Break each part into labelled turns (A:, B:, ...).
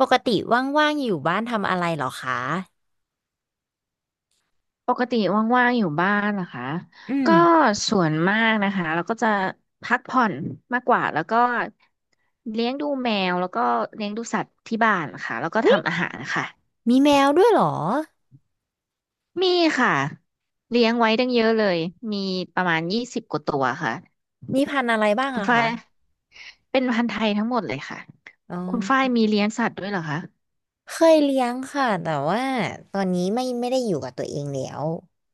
A: ปกติว่างๆอยู่บ้านทำอะไรเหรอคะ
B: ปกติว่างๆอยู่บ้านนะคะ
A: อืม
B: ก็ส่วนมากนะคะเราก็จะพักผ่อนมากกว่าแล้วก็เลี้ยงดูแมวแล้วก็เลี้ยงดูสัตว์ที่บ้านค่ะแล้วก็
A: วิ
B: ทำอาหารค่ะ
A: มีแมวด้วยเหรอ
B: มีค่ะเลี้ยงไว้ตั้งเยอะเลยมีประมาณยี่สิบกว่าตัวค่ะ
A: มีพันธุ์อะไรบ้าง
B: คุณ
A: อะ
B: ฝ้า
A: คะ
B: ยเป็นพันธุ์ไทยทั้งหมดเลยค่ะ
A: อ๋
B: คุณฝ้าย
A: อ
B: มีเลี้ยงสัตว์ด้วยเหรอคะ
A: เคยเลี้ยงค่ะ แต่ว่าตอนนี้ไม่ได้อยู่กับตัวเองแล้ว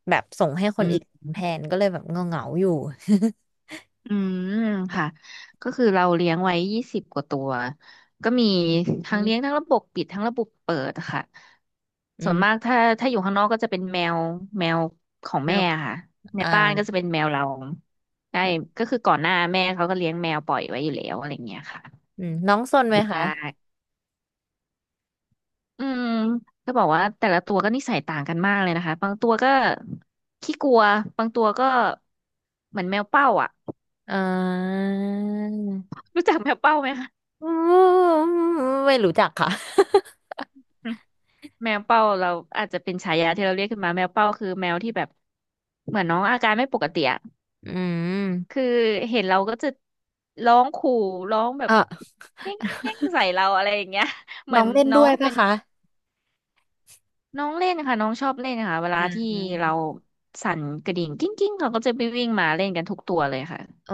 A: แบบส่งให้คนอื่น
B: อื
A: แทนก็เลยแบบเงาอยู่
B: อืมค่ะก็คือเราเลี้ยงไว้ยี่สิบกว่าตัวก็มี
A: อื
B: ทั้ง
A: ม
B: เลี้ยงทั้งระบบปิดทั้งระบบเปิดค่ะ
A: อื
B: ส่วนมาก
A: ม
B: ถ้าอยู่ข้างนอกก็จะเป็นแมวแมวของ
A: แม
B: แม่
A: ว
B: ค่ะใน
A: อ่า
B: บ้านก็จะเป็นแมวเราได้ก็คือก่อนหน้าแม่เขาก็เลี้ยงแมวปล่อยไว้อยู่แล้วอะไรอย่างเงี้ยค่ะ
A: อืมน้องซนไหมคะ
B: ได้อืมก็บอกว่าแต่ละตัวก็นิสัยต่างกันมากเลยนะคะบางตัวก็ขี้กลัวบางตัวก็เหมือนแมวเป้าอ่ะ
A: อ่า
B: รู้จักแมวเป้าไหมคะ
A: อืมไม่รู้จักค่ะ
B: แมวเป้าเราอาจจะเป็นฉายาที่เราเรียกขึ้นมาแมวเป้าคือแมวที่แบบเหมือนน้องอาการไม่ปกติอะ
A: อืม
B: คือเห็นเราก็จะร้องขู่ร้องแบบ
A: อ่ะ
B: แย่งแย่งแย่งใส่เราอะไรอย่างเงี้ย เหมื
A: น้
B: อ
A: อ
B: น
A: งเล่น
B: น้
A: ด้
B: อ
A: ว
B: ง
A: ย
B: ก็
A: ปะ
B: เป็น
A: คะ
B: น้องเล่นค่ะน้องชอบเล่นค่ะเวลา
A: อ่า
B: ที่เราสั่นกระดิ่งกิ้งกิ้งเขาก็จะไปวิ่งมาเล่นกันทุกตัวเลยค่ะ
A: อ๋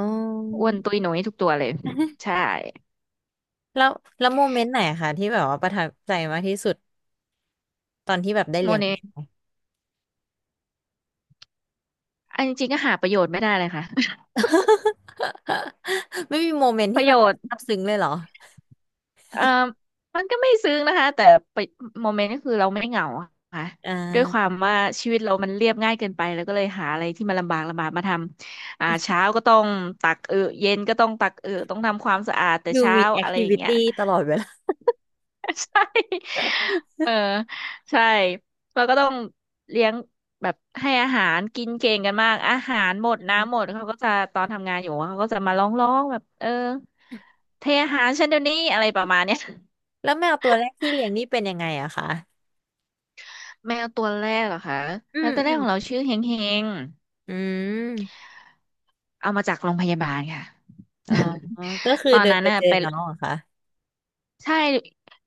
B: อ้
A: อ
B: วนตุ้ยหนุ่ยทุกตัวเลยใช่
A: แล้วแล้วโมเมนต์ไหนอะคะที่แบบว่าประทับใจมากที่สุดตอนที่แบบได้
B: โม
A: เลี้ยง
B: เน
A: แมว
B: อันจริงๆก็หาประโยชน์ไม่ได้เลยค่ะ
A: ไม่มีโมเมนต์
B: ป
A: ที่
B: ระ
A: แบ
B: โย
A: บ
B: ชน์
A: ซาบซึ้งเลยเหรอ
B: เอ่อมันก็ไม่ซึ้งนะคะแต่ไปโมเมนต์ก็คือเราไม่เหงาอะค่ะ
A: อ่
B: ด้วยควา
A: า
B: มว่าชีวิตเรามันเรียบง่ายเกินไปแล้วก็เลยหาอะไรที่มันลำบากลำบากมาทำเช้าก็ต้องตักเย็นก็ต้องตักต้องทำความสะอาดแต่
A: ดู
B: เช้า
A: มีแอค
B: อะไร
A: ทิ
B: อย่าง
A: วิ
B: เงี้ย
A: ตี้ตลอดเวลา
B: เออใช่เราก็ต้องเลี้ยงแบบให้อาหารกินเก่งกันมากอาหารหมดน้ำหมดเขาก็จะตอนทำงานอยู่เขาก็จะมาร้องร้องแบบเทอาหารฉันเดี๋ยวนี้อะไรประมาณเนี้ย
A: แล้วแมวตัวแรกที่เลี้ยงนี่เป็นยังไงอะคะ
B: แมวตัวแรกเหรอคะ
A: อื
B: แมว
A: ม
B: ตัวแร
A: อื
B: ก
A: ม
B: ของเราชื่อเฮงเฮง
A: อืม
B: เอามาจากโรงพยาบาลค่ะ
A: อ๋อก็คือ
B: ตอน
A: เดิน
B: นั้น
A: ไป
B: น่ะ
A: เจอ
B: ไป
A: น้องเหรอคะ
B: ใช่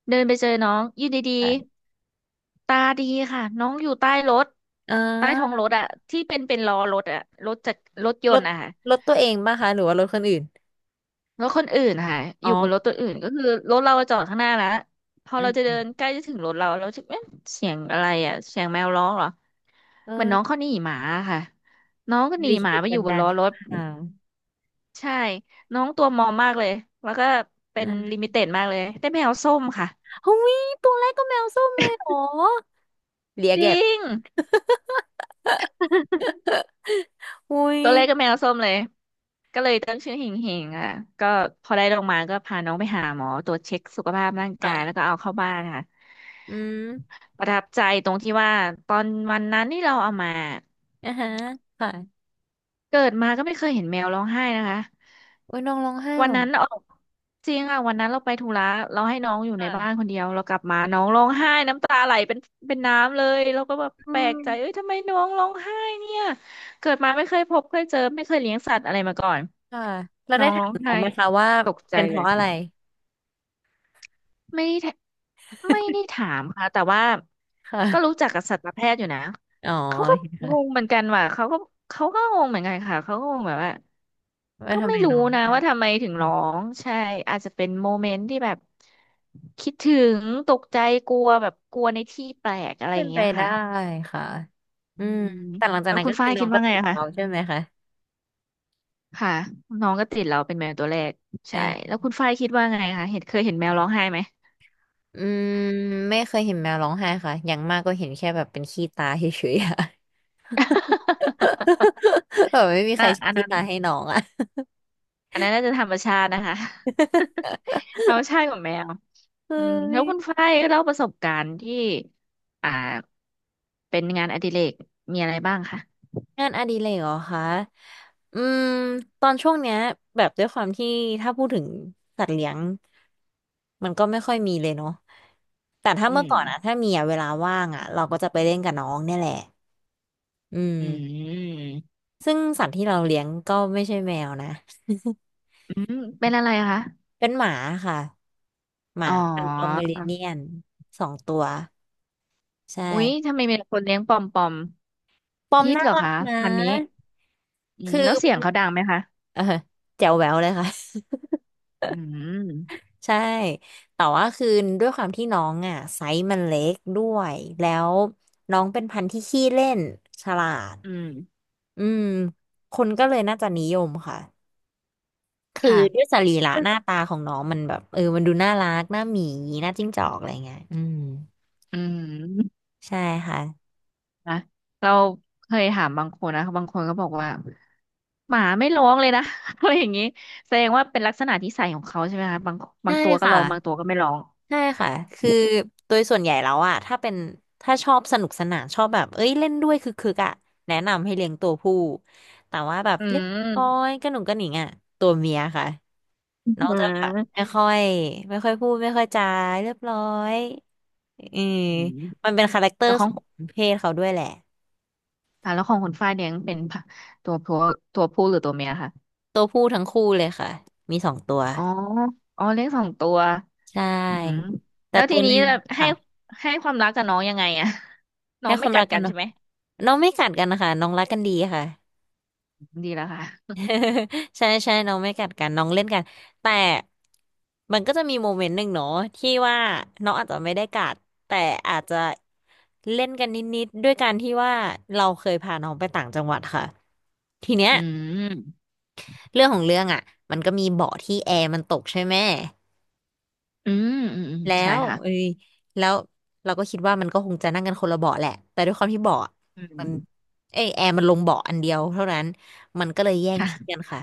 B: เดินไปเจอน้องอยู่ดี
A: ค่ะ
B: ๆตาดีค่ะน้องอยู่ใต้รถ
A: อ่
B: ใต้ท้อง
A: า
B: รถอะที่เป็นล้อรถอะรถจากรถย
A: ร
B: น
A: ถ
B: ต์อะค่ะ
A: รถตัวเองป่ะคะหรือว่ารถคนอื่น
B: รถคนอื่นอะค่ะอ
A: อ๋อ
B: ยู่บนรถตัวอื่นก็คือรถเราจอดข้างหน้าแล้วพอ
A: อื
B: เรา
A: ม
B: จะ
A: อื
B: เดิ
A: ม
B: นใกล้จะถึงรถเราเราจะเอ๊ะเสียงอะไรอะเสียงแมวร้องเหรอเหมือนน้อง
A: เออ
B: เขาหนีหมาอะค่ะน้องก็
A: บ
B: หนี
A: ริ
B: หมา
A: คิด
B: ไปอ
A: บั
B: ยู่
A: น
B: บน
A: ดาล
B: ล้อรถ
A: ค่
B: ใช่ น้องตัวมอมมากเลย แล้วก็เป็นลิ
A: ะ
B: มิเต็ดมากเลยได้แมวส้มค่ะ
A: หุ้ยตัวแรกก็แมวส้มเลยเหรอเลีย
B: จ
A: แก็บ
B: ริง
A: อุ้ย
B: ตัวแรกก็แมวส้มเลย ก็เลยตั้งชื่อหิงหิงอ่ะ ก็พอได้ลงมาก็พาน้องไปหาหมอตรวจเช็คสุขภาพร่างกาย แล้ว
A: ค่ะ
B: ก็เอาเข้าบ้านค่ะ
A: อืม
B: ประทับใจตรงที่ว่าตอนวันนั้นที่เราเอามา
A: อ่าฮะค่ะ
B: เกิดมาก็ไม่เคยเห็นแมวร้องไห้นะคะ
A: โอ้ยน้องร้องไห้
B: วั
A: เหร
B: น
A: อ
B: นั้นออกจริงอ่ะวันนั้นเราไปธุระเราให้น้องอยู่ในบ้าน
A: ค่ะ
B: คนเดียวเรากลับมาน้องร้องไห้น้ำตาไหลเป็นน้ำเลยเราก็แบบ
A: อื
B: แปลก
A: ม
B: ใจเอ้ยทำไมน้องร้องไห้เนี่ยเกิดมาไม่เคยพบเคยเจอไม่เคยเลี้ยงสัตว์อะไรมาก่อน
A: ค่ะแล้ว
B: น้
A: ได้
B: อง
A: ถา
B: ร้
A: ม
B: อง
A: น้อ
B: ไห้
A: งไหมคะว่า
B: ตกใจ
A: เป็นเพ
B: เลย
A: ราะอะไร
B: ไม่ได้ถไม่ได้ถามค่ะแต่ว่า
A: ค
B: ก็รู้
A: ่ะ
B: จักกับสัตวแพทย์อยู่นะ
A: อ๋อ
B: เขาก็งงเหมือนกันว่ะเขาก็งงเหมือนกันค่ะเขาก็งงแบบว่า
A: ว่า
B: ก็
A: ทำ
B: ไม่
A: ไม
B: รู้
A: น้อง
B: นะ
A: ไห้
B: ว่าทำไมถึง
A: อื
B: ร้
A: ม
B: องใช่อาจจะเป็นโมเมนต์ที่แบบคิดถึงตกใจกลัวแบบกลัวในที่แปลกอะไรอ
A: เป็
B: ย่า
A: น
B: ง
A: ไป
B: เงี้ย
A: ได้
B: ค่ะ
A: ค่ะ
B: อื
A: อืม
B: ม
A: แต่หลังจาก
B: แล้ว
A: นั้น
B: คุณ
A: ก็
B: ฝ้า
A: คือ
B: ย
A: น้อ
B: คิ
A: ง
B: ด
A: ก็
B: ว่าไง
A: ติด
B: อะคะ
A: เราใช่ไหมคะ
B: ค่ะน้องก็ติดเราเป็นแมวตัวแรกใช่
A: เออ
B: แล้วคุณฝ้ายคิดว่าไงคะเห็นเคยเห็นแมวร้องไห้ไหม
A: อืมไม่เคยเห็นแมวร้องไห้ค่ะอย่างมากก็เห็นแค่แบบเป็นขี้ตาเฉยๆอะ แบบไม่มี ใค
B: น่ะ
A: ร
B: อัน
A: คิด
B: นั้น
A: มาให้น้องอ่ะ
B: อันนั้นน่าจะธรรมชาตินะคะ ธรรมชาติของแมว
A: เฮ้
B: อืมแล้
A: ย
B: วคุณฝ้ายเล่าประสบการณ์ที่อ่าเป็นงานอดิเรกมีอะไรบ้างคะ
A: งานอดิเรกเหรอคะอืมตอนช่วงเนี้ยแบบด้วยความที่ถ้าพูดถึงสัตว์เลี้ยงมันก็ไม่ค่อยมีเลยเนาะแต่ถ้า
B: อื
A: เมื่อ
B: ม
A: ก่อนอะถ้ามีอะเวลาว่างอะเราก็จะไปเล่นกับน้องเนี่ยแหละอืม
B: อืม
A: ซึ่งสัตว์ที่เราเลี้ยงก็ไม่ใช่แมวนะ
B: อืมเป็นอะไรคะ
A: เป็นหมาค่ะหมา
B: อ๋อ
A: เป็นปอมเมอเรเนียนสองตัวใช่
B: อุ๊ยทำไมมีแต่คนเลี้ยงปอมปอม
A: ปอม
B: ฮิต
A: น่า
B: เหรอ
A: รัก
B: คะ
A: นะ
B: พันนี้อืม
A: คือ
B: แล้วเสียงเขาดังไหมคะ
A: เออแจ๋วแหววเลยค่ะ
B: อืม
A: ใช่แต่ว่าคือด้วยความที่น้องอ่ะไซส์มันเล็กด้วยแล้วน้องเป็นพันธุ์ที่ขี้เล่นฉลาด
B: อืม
A: อืมคนก็เลยน่าจะนิยมค่ะคือด้วย
B: ค่ะ
A: สรีระหน้าตาของน้องมันแบบเออมันดูน่ารักหน้าหมีหน้าจิ้งจอกอะไรเงี้ยอืม
B: อืม
A: ใช่ค่ะ
B: นะเราเคยถามบางคนนะบางคนก็บอกว่าหมาไม่ร้องเลยนะ อะไรอย่างนี้แสดงว่าเป็นลักษณะนิสัยของเขาใช่ไหมคะบางบา
A: ใช่
B: งตัวก็
A: ค่ะ
B: ร้องบางตัวก็ไม่ร้อง
A: ใช่ค่ะคือโดยส่วนใหญ่แล้วอะถ้าเป็นถ้าชอบสนุกสนานชอบแบบเอ้ยเล่นด้วยคือคึกๆอะแนะนำให้เลี้ยงตัวผู้แต่ว่าแบบ
B: อื
A: เรียบร้อย
B: ม
A: กระหนุ่งกระหนิงอะตัวเมียค่ะ
B: อื
A: น้องจะแบบไม่
B: ม
A: ค่อยไม่ค่อยพูดไม่ค่อยจาเรียบร้อยอืม
B: อืม
A: มันเป็นคาแรคเตอ
B: แล้ว
A: ร์
B: ข
A: ข
B: อง
A: องเพศเขาด้วยแหละ
B: อ่ะแล้วของคุณฝ้ายเลี้ยงเป็นผตัวผัวตัวผู้หรือตัวเมียค่ะ
A: ตัวผู้ทั้งคู่เลยค่ะมีสองตัว
B: อ๋ออ๋อเลี้ยงสองตัว
A: ใช
B: อืม
A: ่แต่
B: แล้วที
A: ตัวห
B: นี้
A: นึ่ง
B: แบบให้
A: ค่ะ
B: ให้ความรักกับน้องยังไงอะ น้อ
A: ให้
B: ง
A: ค
B: ไม่
A: วาม
B: กั
A: รั
B: ด
A: กกั
B: กั
A: น
B: นใช่
A: เนาะ
B: ไหม
A: น้องไม่กัดกันนะคะน้องรักกันดีค่ะ
B: ดีแล้วค่ะ
A: ใช่ใช่น้องไม่กัดกันน้องเล่นกันแต่มันก็จะมีโมเมนต์หนึ่งเนาะที่ว่าน้องอาจจะไม่ได้กัดแต่อาจจะเล่นกันนิดๆด้วยการที่ว่าเราเคยพาน้องไปต่างจังหวัดค่ะทีเนี้ย
B: อืม
A: เรื่องของเรื่องอ่ะมันก็มีเบาะที่แอร์มันตกใช่ไหม
B: อืมอืมอืม
A: แล้
B: ใช่
A: ว
B: ค่ะ
A: เอ้ยแล้วเราก็คิดว่ามันก็คงจะนั่งกันคนละเบาะแหละแต่ด้วยความที่เบาะ
B: อื
A: มัน
B: ม
A: เอยแอร์มันลงเบาะอันเดียวเท่านั้นมันก็เลยแย่งที่กัน
B: ค่ะ
A: ค่ะ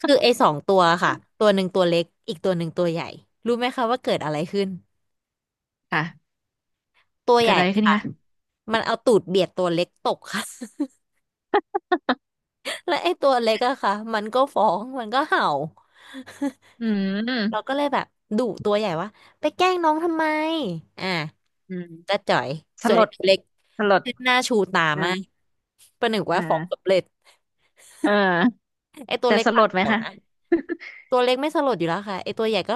A: คือไอ้สองตัวค่ะตัวหนึ่งตัวเล็กอีกตัวหนึ่งตัวใหญ่รู้ไหมคะว่าเกิดอะไรขึ้น
B: ค่ะ
A: ตัวให
B: เกิด
A: ญ่
B: อะไรขึ้น
A: ค่ะ
B: คะ
A: มันเอาตูดเบียดตัวเล็กตกค่ะ และไอ้ตัวเล็กอะค่ะมันก็ฟ้องมันก็เห่า
B: อื
A: เรา
B: ม
A: ก็เลยแบบดุตัวใหญ่ว่าไปแกล้งน้องทำไมอ่า
B: อืม
A: จะจ่อย
B: ส
A: ส่วน
B: ล
A: ไอ้
B: ด
A: ตัวเล็ก
B: สลด
A: หน้าชูตา
B: อ่า
A: มากประหนึ่ง
B: อ
A: ว่าฟ้องสำ
B: ่า
A: เร็จ
B: เออ
A: ไอ้ตัว
B: แต่
A: เล็ก
B: สล
A: ปาก
B: ด
A: เขี
B: ไหม
A: ยว
B: คะ
A: นะ ตัวเล็กไม่สลดอยู่แล้วค่ะไอตัวใหญ่ก็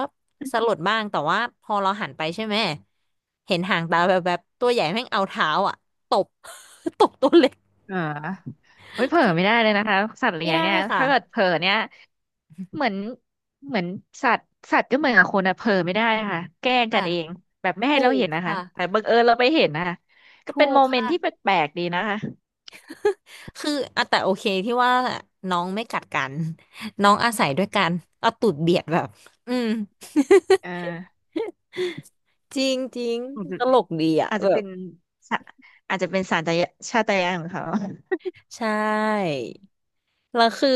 A: สลดบ้างแต่ว่าพอเราหันไปใช่ไหมเห็นหางตาแบบตัวใหญ่แม่งเอาเท้าอ่ะตบ ตบตัวเล็ก
B: เออโอ้ยเผลอไม่ได้เลยนะคะสัตว์เลี้
A: ไม่
B: ยง
A: ได้
B: เนี่ย
A: ค่ะ
B: ถ้าเกิดเผลอเนี่ยเหมือนเหมือนสัตว์ก็เหมือนกับคนอะเผลอไม่ได้ค่ะแกล้งกั
A: ค่ะ
B: นเองแบบไม่ให้
A: ถู
B: เรา
A: ก
B: เห็นนะคะ
A: ค่ะ
B: แต่บังเอิญเราไปเห็นนะคะก็
A: ถู
B: เป็น
A: ก
B: โมเมนต์ที่แป
A: ค่ะ
B: ลกๆดีนะคะ
A: คืออ่ะแต่โอเคที่ว่าน้องไม่กัดกันน้องอาศัยด้วยกันเอาตูดเบียดแบบอืม
B: เออ
A: จริงจริงตลกดีอ่ะ
B: อาจจะ
A: แบ
B: อาจ
A: บ
B: จะเป็นสะอาจจะเป็นสัญชาตญาณของเขา
A: ใช่แล้วคือ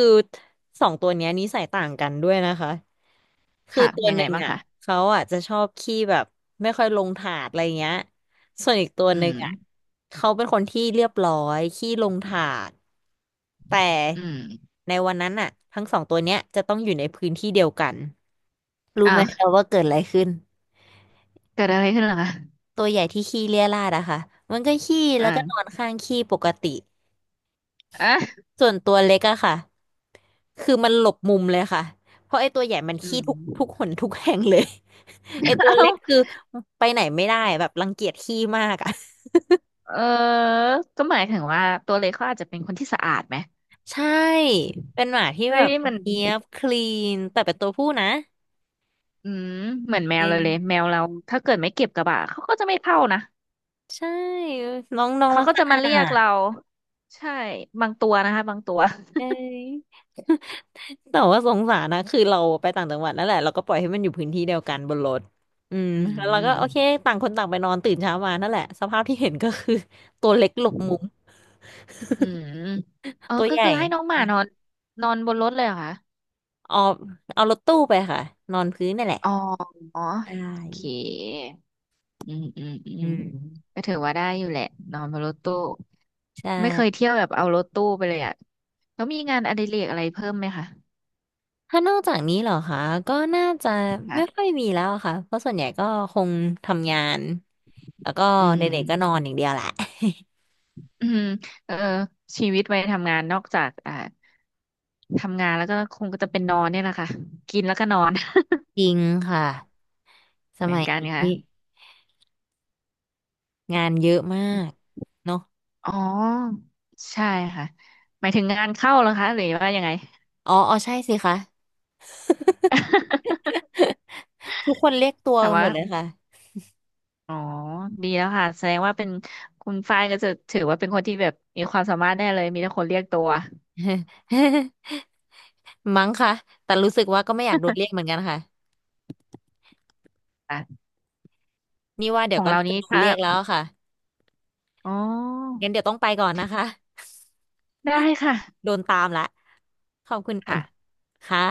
A: สองตัวเนี้ยนิสัยต่างกันด้วยนะคะ คือ
B: ค่ะ
A: ตัว
B: ยัง
A: ห
B: ไง
A: นึ่ง
B: บ้าง
A: อ่ะ
B: คะ
A: เขาอ่ะจะชอบขี้แบบไม่ค่อยลงถาดอะไรเงี้ยส่วนอีกตัว
B: อื
A: หนึ่งอ่ะ
B: ม
A: เขาเป็นคนที่เรียบร้อยขี้ลงถาดแต่
B: อืม
A: ในวันนั้นอ่ะทั้งสองตัวเนี้ยจะต้องอยู่ในพื้นที่เดียวกันรู้ไห
B: อ้า
A: ม
B: ว
A: เราว่าเกิดอะไรขึ้น
B: เกิดอะไรขึ้นเหรอคะ
A: ตัวใหญ่ที่ขี้เรี่ยราดอะค่ะมันก็ขี้แล้วก็นอ
B: อ่า
A: นข้างขี้ปกติ
B: อ่ะ
A: ส่วนตัวเล็กอะค่ะ คือมันหลบมุมเลยค่ะ เพราะไอ้ตัวใหญ่มัน
B: อื
A: ขี้ทุก
B: ม
A: หนทุกแห่งเลย ไอ้ตัว
B: เอ้า
A: เล็กคือไปไหนไม่ได้แบบรังเกียจขี้มากอะ
B: เออก็หมายถึงว่าตัวเล็กเขาอาจจะเป็นคนที่สะอาดไหม
A: ใช่ เป็นหมาที่
B: เฮ้
A: แบ
B: ย
A: บ
B: มัน
A: เนียบคลีนแต่เป็นตัวผู้นะ
B: อืมเหมือนแม
A: เอ
B: วเลย
A: ย
B: เลยแมวเราถ้าเกิดไม่เก็บกระบะเขาก็จะไม่เข้านะ
A: ใช่ น้องน้อง
B: เขา
A: รัก
B: ก็
A: สะ
B: จะมา
A: อา
B: เรียก
A: ด
B: เราใช่บางตัวนะคะบางตัว
A: เอย แต่ว่าสงสารนะคือเราไปต่างจังหวัดนั่นแหละเราก็ปล่อยให้มันอยู่พื้นที่เดียวกันบนรถอืม
B: อื
A: แล้วเราก็
B: ม
A: โอเคต่างคนต่างไปนอนตื่นเช้ามานั่นแหละสภาพที่เห็นก็คือตัวเล็กหลบมุม
B: อืมเออ
A: ตัว
B: ก็
A: ใหญ่
B: คือให้น้องหมานอนนอนบนรถเลยเหรอคะ
A: เอารถตู้ไปค่ะนอนพื้นนั่นแหละ
B: อ๋ออ๋อ
A: ใช
B: โอเค
A: ่
B: อืมอืมอืม
A: อืม
B: ก็ถือว่าได้อยู่แหละนอนบนรถตู้
A: ใช
B: ไม่เคย
A: ่
B: เที่ยวแบบเอารถตู้ไปเลยอ่ะแล้วมีงานอดิเรกอะไรเพิ่มไหมคะ
A: ถ้านอกจากนี้เหรอคะก็น่าจะไม่ค่อ
B: ค่ะ
A: ยมีแล้วอะค่ะเพราะส่วนใหญ่ก็คงทำงานแล้วก็
B: อื
A: เด็กๆก็นอน
B: ม
A: อย่างเดียวแหละ
B: อืมเออชีวิตวัยทำงานนอกจากอ่าทำงานแล้วก็คงก็จะเป็นนอนเนี่ยแหละค่ะกินแล้วก็นอน
A: จริงค่ะส
B: เหมือ
A: มั
B: น
A: ย
B: กันค่ะ
A: นี้งานเยอะมา
B: อ
A: กเนาะ
B: ๋อใช่ค่ะหมายถึงงานเข้าแล้วคะหรือว่ายังไง
A: อ๋ออ๋อ ใช่สิคะ ทุกคนเรียกตัว
B: ถาม
A: กันหม
B: ว่า
A: ดเลยค่ะ
B: อ๋อ ดีแล้วค่ะ แสดงว่าเป็นคุณฝ้ายก็จะถือว่าเป็นคนที่แบบมีความสามารถแน่เลย มีแต่คนเรียกตัว
A: มั้งค่ะแต่รู้สึกว่าก็ไม่อยากโดนเรียกเหมือนกันค่ะ
B: อ่ะ
A: นี่ว่าเดี๋
B: ข
A: ยว
B: อง
A: ก็
B: เรา
A: น่าจะ
B: นี้
A: โดน
B: ถ้า
A: เรียกแล้วค่ะ
B: อ๋อ
A: งั้นเดี๋ยวต้องไปก่อนนะคะ
B: ได้ ค่ะ
A: โดนตามละขอบคุณเอิ่ม
B: ค่ะ
A: ค่ะ